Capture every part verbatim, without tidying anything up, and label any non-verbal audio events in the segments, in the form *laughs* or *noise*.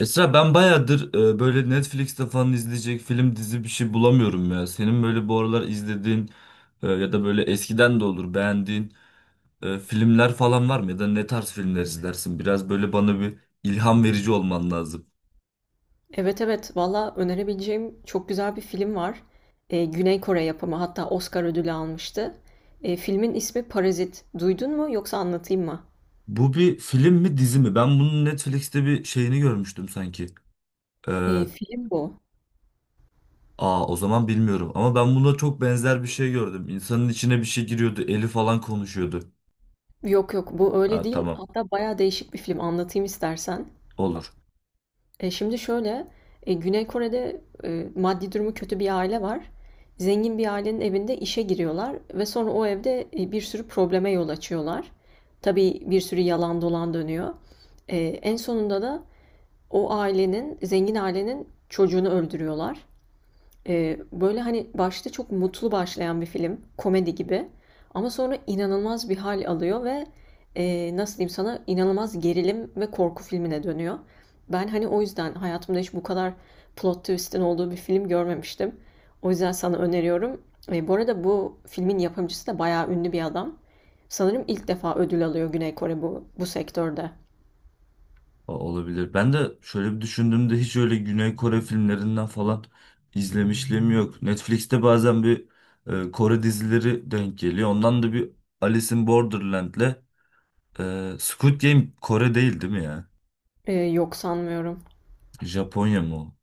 Esra ben bayağıdır e, böyle Netflix'te falan izleyecek film dizi bir şey bulamıyorum ya. Senin böyle bu aralar izlediğin e, ya da böyle eskiden de olur beğendiğin e, filmler falan var mı? Ya da ne tarz filmler izlersin? Biraz böyle bana bir ilham verici olman lazım. Evet evet, valla önerebileceğim çok güzel bir film var. Ee, Güney Kore yapımı, hatta Oscar ödülü almıştı. Ee, filmin ismi Parazit. Duydun mu, yoksa anlatayım mı? Bu bir film mi dizi mi? Ben bunun Netflix'te bir şeyini görmüştüm sanki. E, Ee, film bu. Aa, o zaman bilmiyorum ama ben buna çok benzer bir şey gördüm. İnsanın içine bir şey giriyordu, eli falan konuşuyordu. Yok yok, bu Ha, öyle değil. tamam, Hatta bayağı değişik bir film, anlatayım istersen. olur. E, şimdi şöyle, e, Güney Kore'de e, maddi durumu kötü bir aile var. Zengin bir ailenin evinde işe giriyorlar ve sonra o evde e, bir sürü probleme yol açıyorlar. Tabii bir sürü yalan dolan dönüyor. E, en sonunda da o ailenin, zengin ailenin çocuğunu öldürüyorlar. Ee, böyle hani başta çok mutlu başlayan bir film, komedi gibi. Ama sonra inanılmaz bir hal alıyor ve e, nasıl diyeyim sana, inanılmaz gerilim ve korku filmine dönüyor. Ben hani o yüzden hayatımda hiç bu kadar plot twist'in olduğu bir film görmemiştim. O yüzden sana öneriyorum. E, bu arada bu filmin yapımcısı da bayağı ünlü bir adam. Sanırım ilk defa ödül alıyor Güney Kore bu, bu sektörde. O- Olabilir. Ben de şöyle bir düşündüğümde hiç öyle Güney Kore filmlerinden falan izlemişliğim yok. Netflix'te bazen bir e, Kore dizileri denk geliyor. Ondan da bir Alice in Borderland'le e, Squid Game Kore değil, değil mi ya? E, yok, sanmıyorum. Japonya mı o?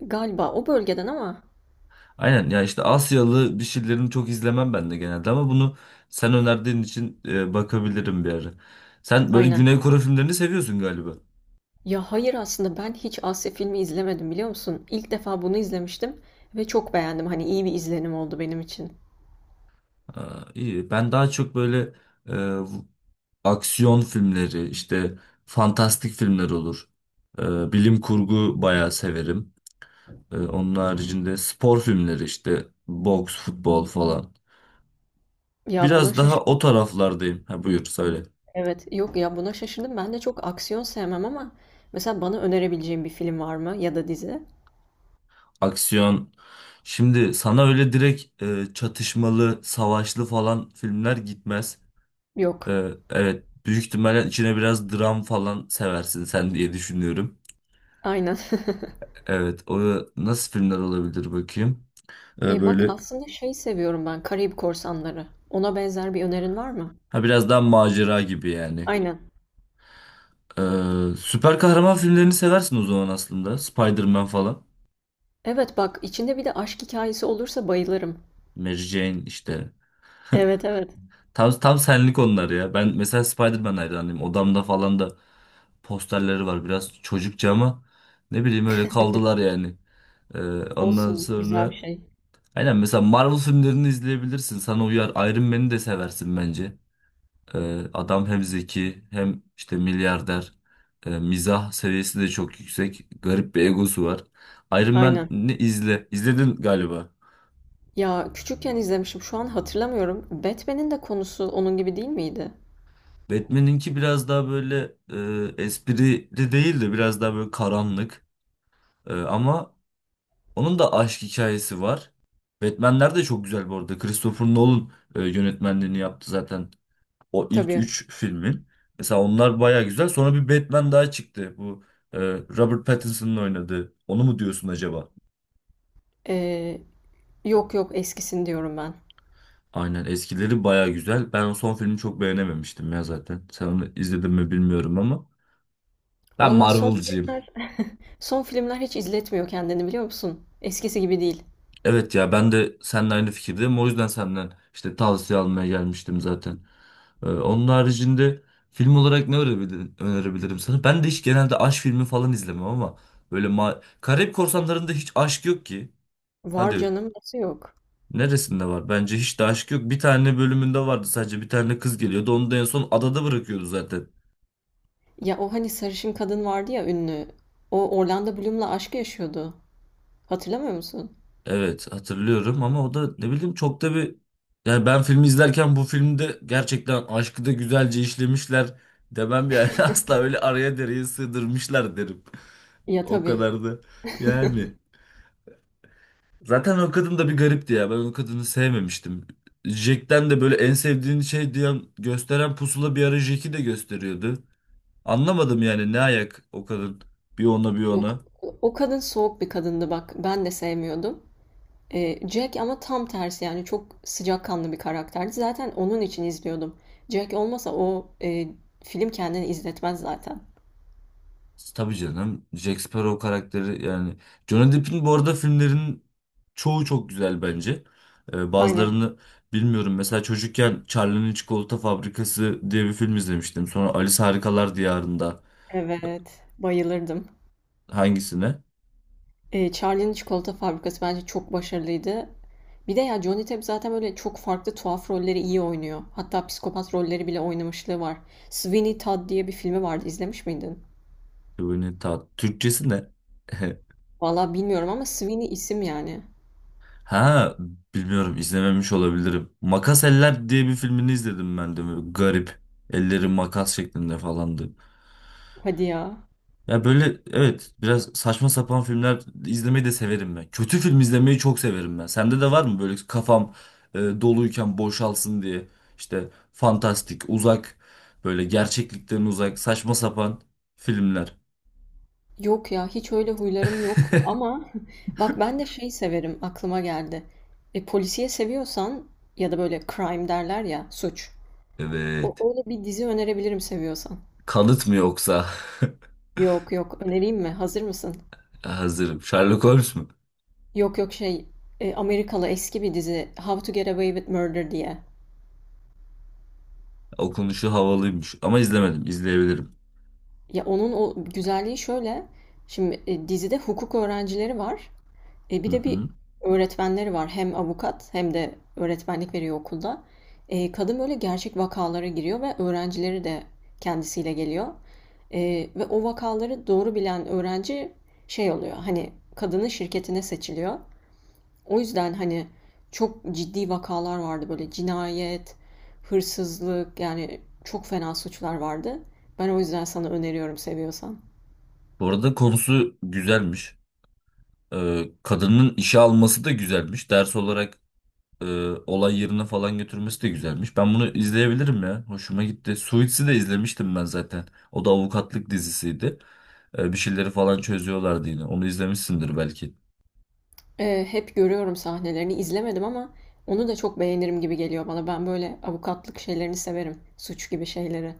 Galiba o bölgeden ama. Aynen ya, işte Asyalı bir şeylerini çok izlemem ben de genelde ama bunu sen önerdiğin için e, bakabilirim bir ara. Sen böyle Aynen. Güney Kore filmlerini seviyorsun galiba. Ya hayır, aslında ben hiç Asya filmi izlemedim, biliyor musun? İlk defa bunu izlemiştim ve çok beğendim. Hani iyi bir izlenim oldu benim için. Aa, iyi. Ben daha çok böyle e, aksiyon filmleri, işte fantastik filmler olur. Ee, bilim kurgu bayağı severim. Ee, onun haricinde spor filmleri işte boks, futbol falan. Ya buna Biraz daha o şaşırdım. taraflardayım. Ha, buyur söyle. Evet. Yok ya, buna şaşırdım. Ben de çok aksiyon sevmem ama mesela bana önerebileceğin bir film var mı ya da dizi? Aksiyon. Şimdi sana öyle direkt e, çatışmalı, savaşlı falan filmler gitmez. Yok. Ee, evet. Büyük ihtimalle içine biraz dram falan seversin sen diye düşünüyorum. Aynen. *laughs* Evet, o nasıl filmler olabilir bakayım. Ee, E bak, böyle aslında şey seviyorum ben, Karayip Korsanları. Ona benzer bir önerin var mı? Ha, biraz daha macera gibi yani. Aynen. Ee, süper kahraman filmlerini seversin o zaman aslında. Spider-Man falan. Evet bak, içinde bir de aşk hikayesi olursa bayılırım. Mary Jane işte. Evet evet. Tam, tam senlik onlar ya. Ben mesela Spider-Man hayranıyım. Odamda falan da posterleri var. Biraz çocukça ama ne bileyim öyle kaldılar yani. Ee, ondan Olsun, güzel bir sonra şey. Aynen, mesela Marvel filmlerini izleyebilirsin. Sana uyar. Iron Man'i de seversin bence. Ee, adam hem zeki hem işte milyarder. Ee, mizah seviyesi de çok yüksek. Garip bir egosu var. Iron Aynen. Man'i izle. İzledin galiba. Ya küçükken izlemişim, şu an hatırlamıyorum. Batman'in de konusu onun gibi değil miydi? Batman'inki biraz daha böyle e, esprili değil de biraz daha böyle karanlık. E, ama onun da aşk hikayesi var. Batman'ler de çok güzel bu arada. Christopher Nolan e, yönetmenliğini yaptı zaten. O ilk Tabii. üç filmin. Mesela onlar baya güzel. Sonra bir Batman daha çıktı. Bu e, Robert Pattinson'ın oynadığı. Onu mu diyorsun acaba? Ee, Yok yok, eskisini diyorum ben. Aynen, eskileri baya güzel. Ben o son filmi çok beğenememiştim ya zaten. Sen onu izledin mi bilmiyorum ama. Ben Valla son Marvel'cıyım. filmler, *laughs* son filmler hiç izletmiyor kendini, biliyor musun? Eskisi gibi değil. Evet ya, ben de seninle aynı fikirdeyim. O yüzden senden işte tavsiye almaya gelmiştim zaten. Ee, onun haricinde film olarak ne önerebilirim, önerebilirim sana? Ben de hiç genelde aşk filmi falan izlemem ama böyle ma Karayip Korsanları'nda hiç aşk yok ki. Var Hadi, canım, nasıl yok? neresinde var? Bence hiç de aşk yok. Bir tane bölümünde vardı, sadece bir tane kız geliyordu. Onu da en son adada bırakıyordu zaten. Ya o hani sarışın kadın vardı ya, ünlü. O Orlando Bloom'la aşk yaşıyordu. Hatırlamıyor musun? Evet, hatırlıyorum ama o da ne bileyim çok da bir... Yani ben filmi izlerken bu filmde gerçekten aşkı da güzelce işlemişler demem yani. *laughs* Asla, öyle araya dereye sığdırmışlar derim. Ya O tabii. kadar da yani. Zaten o kadın da bir garipti ya. Ben o kadını sevmemiştim. Jack'ten de böyle en sevdiğin şey diyen gösteren pusula bir ara Jack'i de gösteriyordu. Anlamadım yani ne ayak o kadın, bir ona bir Yok. ona. O o kadın soğuk bir kadındı bak. Ben de sevmiyordum. Eee, Jack ama tam tersi, yani çok sıcakkanlı bir karakterdi. Zaten onun için izliyordum. Jack olmasa o eee, film kendini izletmez zaten. Tabii canım, Jack Sparrow karakteri yani. Johnny Depp'in bu arada filmlerin çoğu çok güzel bence. Ee, Aynen. bazılarını bilmiyorum. Mesela çocukken Charlie'nin Çikolata Fabrikası diye bir film izlemiştim. Sonra Alice Harikalar Diyarında Evet. Bayılırdım. hangisine? Eee Charlie'nin Çikolata Fabrikası bence çok başarılıydı. Bir de ya Johnny Depp zaten böyle çok farklı, tuhaf rolleri iyi oynuyor. Hatta psikopat rolleri bile oynamışlığı var. Sweeney Todd diye bir filmi vardı. İzlemiş miydin? Kıvırcık Tat. Türkçesi ne? *laughs* Valla bilmiyorum ama Sweeney isim yani. Ha, bilmiyorum, izlememiş olabilirim. Makas Eller diye bir filmini izledim ben de. Böyle garip. Elleri makas şeklinde falandı. Hadi ya. Ya böyle evet, biraz saçma sapan filmler izlemeyi de severim ben. Kötü film izlemeyi çok severim ben. Sende de var mı böyle kafam e, doluyken boşalsın diye işte fantastik, uzak böyle gerçeklikten uzak saçma sapan filmler. Yok ya, hiç öyle huylarım yok ama *laughs* bak, ben de şey severim, aklıma geldi. E, polisiye seviyorsan ya da böyle crime derler ya, suç. O, Evet. öyle bir dizi önerebilirim seviyorsan. Kanıt mı yoksa? Yok yok, önereyim mi? Hazır mısın? *laughs* Hazırım. Sherlock Holmes mu? Yok yok şey, e, Amerikalı eski bir dizi, How to Get Away with Murder diye. Okunuşu havalıymış ama izlemedim. İzleyebilirim. Ya onun o güzelliği şöyle. Şimdi e, dizide hukuk öğrencileri var. E, Hı Bir de bir hı. öğretmenleri var. Hem avukat hem de öğretmenlik veriyor okulda. E, kadın böyle gerçek vakalara giriyor ve öğrencileri de kendisiyle geliyor. E, ve o vakaları doğru bilen öğrenci şey oluyor, hani kadının şirketine seçiliyor. O yüzden hani çok ciddi vakalar vardı böyle, cinayet, hırsızlık, yani çok fena suçlar vardı. Ben o yüzden sana öneriyorum seviyorsan. Bu arada konusu güzelmiş. Ee, kadının işe alması da güzelmiş. Ders olarak e, olay yerine falan götürmesi de güzelmiş. Ben bunu izleyebilirim ya. Hoşuma gitti. Suits'i de izlemiştim ben zaten. O da avukatlık dizisiydi. E, bir şeyleri falan çözüyorlardı yine. Onu izlemişsindir belki. Eee, hep görüyorum sahnelerini, izlemedim ama onu da çok beğenirim gibi geliyor bana. Ben böyle avukatlık şeylerini severim. Suç gibi şeyleri.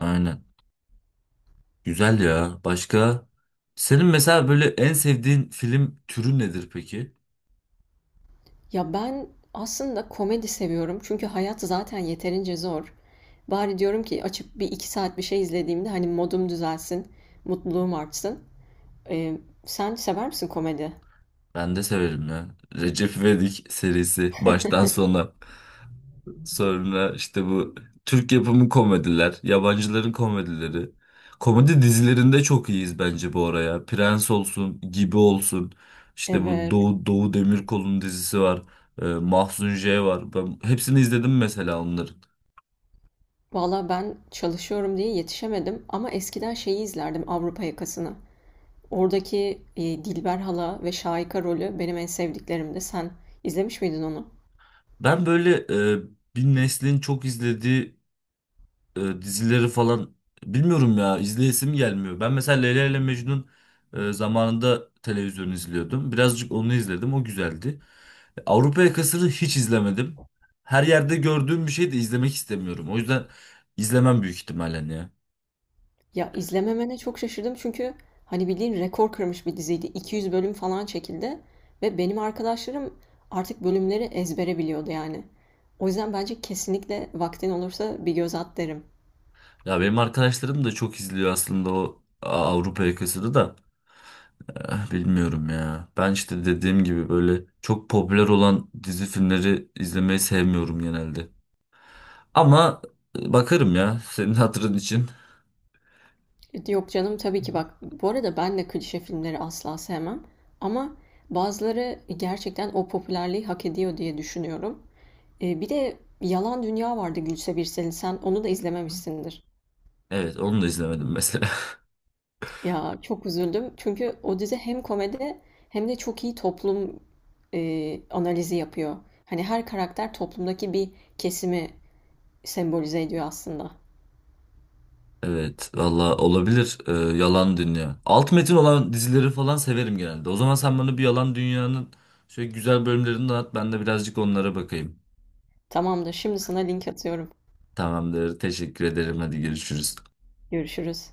Aynen. Güzel ya. Başka? Senin mesela böyle en sevdiğin film türü nedir peki? Ya ben aslında komedi seviyorum. Çünkü hayat zaten yeterince zor. Bari diyorum ki, açıp bir iki saat bir şey izlediğimde hani modum düzelsin, mutluluğum artsın. Eee, Sen sever misin komedi? Ben de severim ya. Recep İvedik serisi baştan sona. Sonra işte bu Türk yapımı komediler, yabancıların komedileri. Komedi dizilerinde çok iyiyiz bence bu araya. Prens olsun, Gibi olsun. İşte bu Evet. Doğu, Doğu Demirkol'un dizisi var. E, Mahzun J var. Ben hepsini izledim mesela onların. Valla ben çalışıyorum diye yetişemedim ama eskiden şeyi izlerdim, Avrupa Yakası'nı. Oradaki eee, Dilber hala ve Şahika rolü benim en sevdiklerimdi. Sen izlemiş miydin onu? Ben böyle e, bir neslin çok izlediği e, dizileri falan bilmiyorum ya, izleyesim gelmiyor. Ben mesela Leyla ile Mecnun e, zamanında televizyon izliyordum. Birazcık onu izledim. O güzeldi. E, Avrupa Yakası'nı hiç izlemedim. Her yerde gördüğüm bir şey de izlemek istemiyorum. O yüzden izlemem büyük ihtimalle ya. Ya, izlememene çok şaşırdım çünkü hani, bildiğin rekor kırmış bir diziydi. iki yüz bölüm falan çekildi ve benim arkadaşlarım artık bölümleri ezbere biliyordu yani. O yüzden bence kesinlikle vaktin olursa bir göz at derim. Ya benim arkadaşlarım da çok izliyor aslında o Avrupa Yakası'nı da. Eh, bilmiyorum ya. Ben işte dediğim gibi böyle çok popüler olan dizi filmleri izlemeyi sevmiyorum genelde. Ama bakarım ya, senin hatırın için. E, Yok canım, tabii ki bak, bu arada ben de klişe filmleri asla sevmem ama bazıları gerçekten o popülerliği hak ediyor diye düşünüyorum. Eee, bir de Yalan Dünya vardı, Gülse Birsel'in. Sen onu da izlememişsindir. Evet, onu da izlemedim mesela. *laughs* Ya çok üzüldüm. Çünkü o dizi hem komedi hem de çok iyi toplum eee, analizi yapıyor. Hani her karakter toplumdaki bir kesimi sembolize ediyor aslında. Evet valla olabilir. Ee, Yalan Dünya. Alt metin olan dizileri falan severim genelde. O zaman sen bana bir Yalan Dünya'nın şöyle güzel bölümlerini dağıt, ben de birazcık onlara bakayım. Tamamdır, şimdi sana link atıyorum. Tamamdır, teşekkür ederim, hadi görüşürüz. Görüşürüz.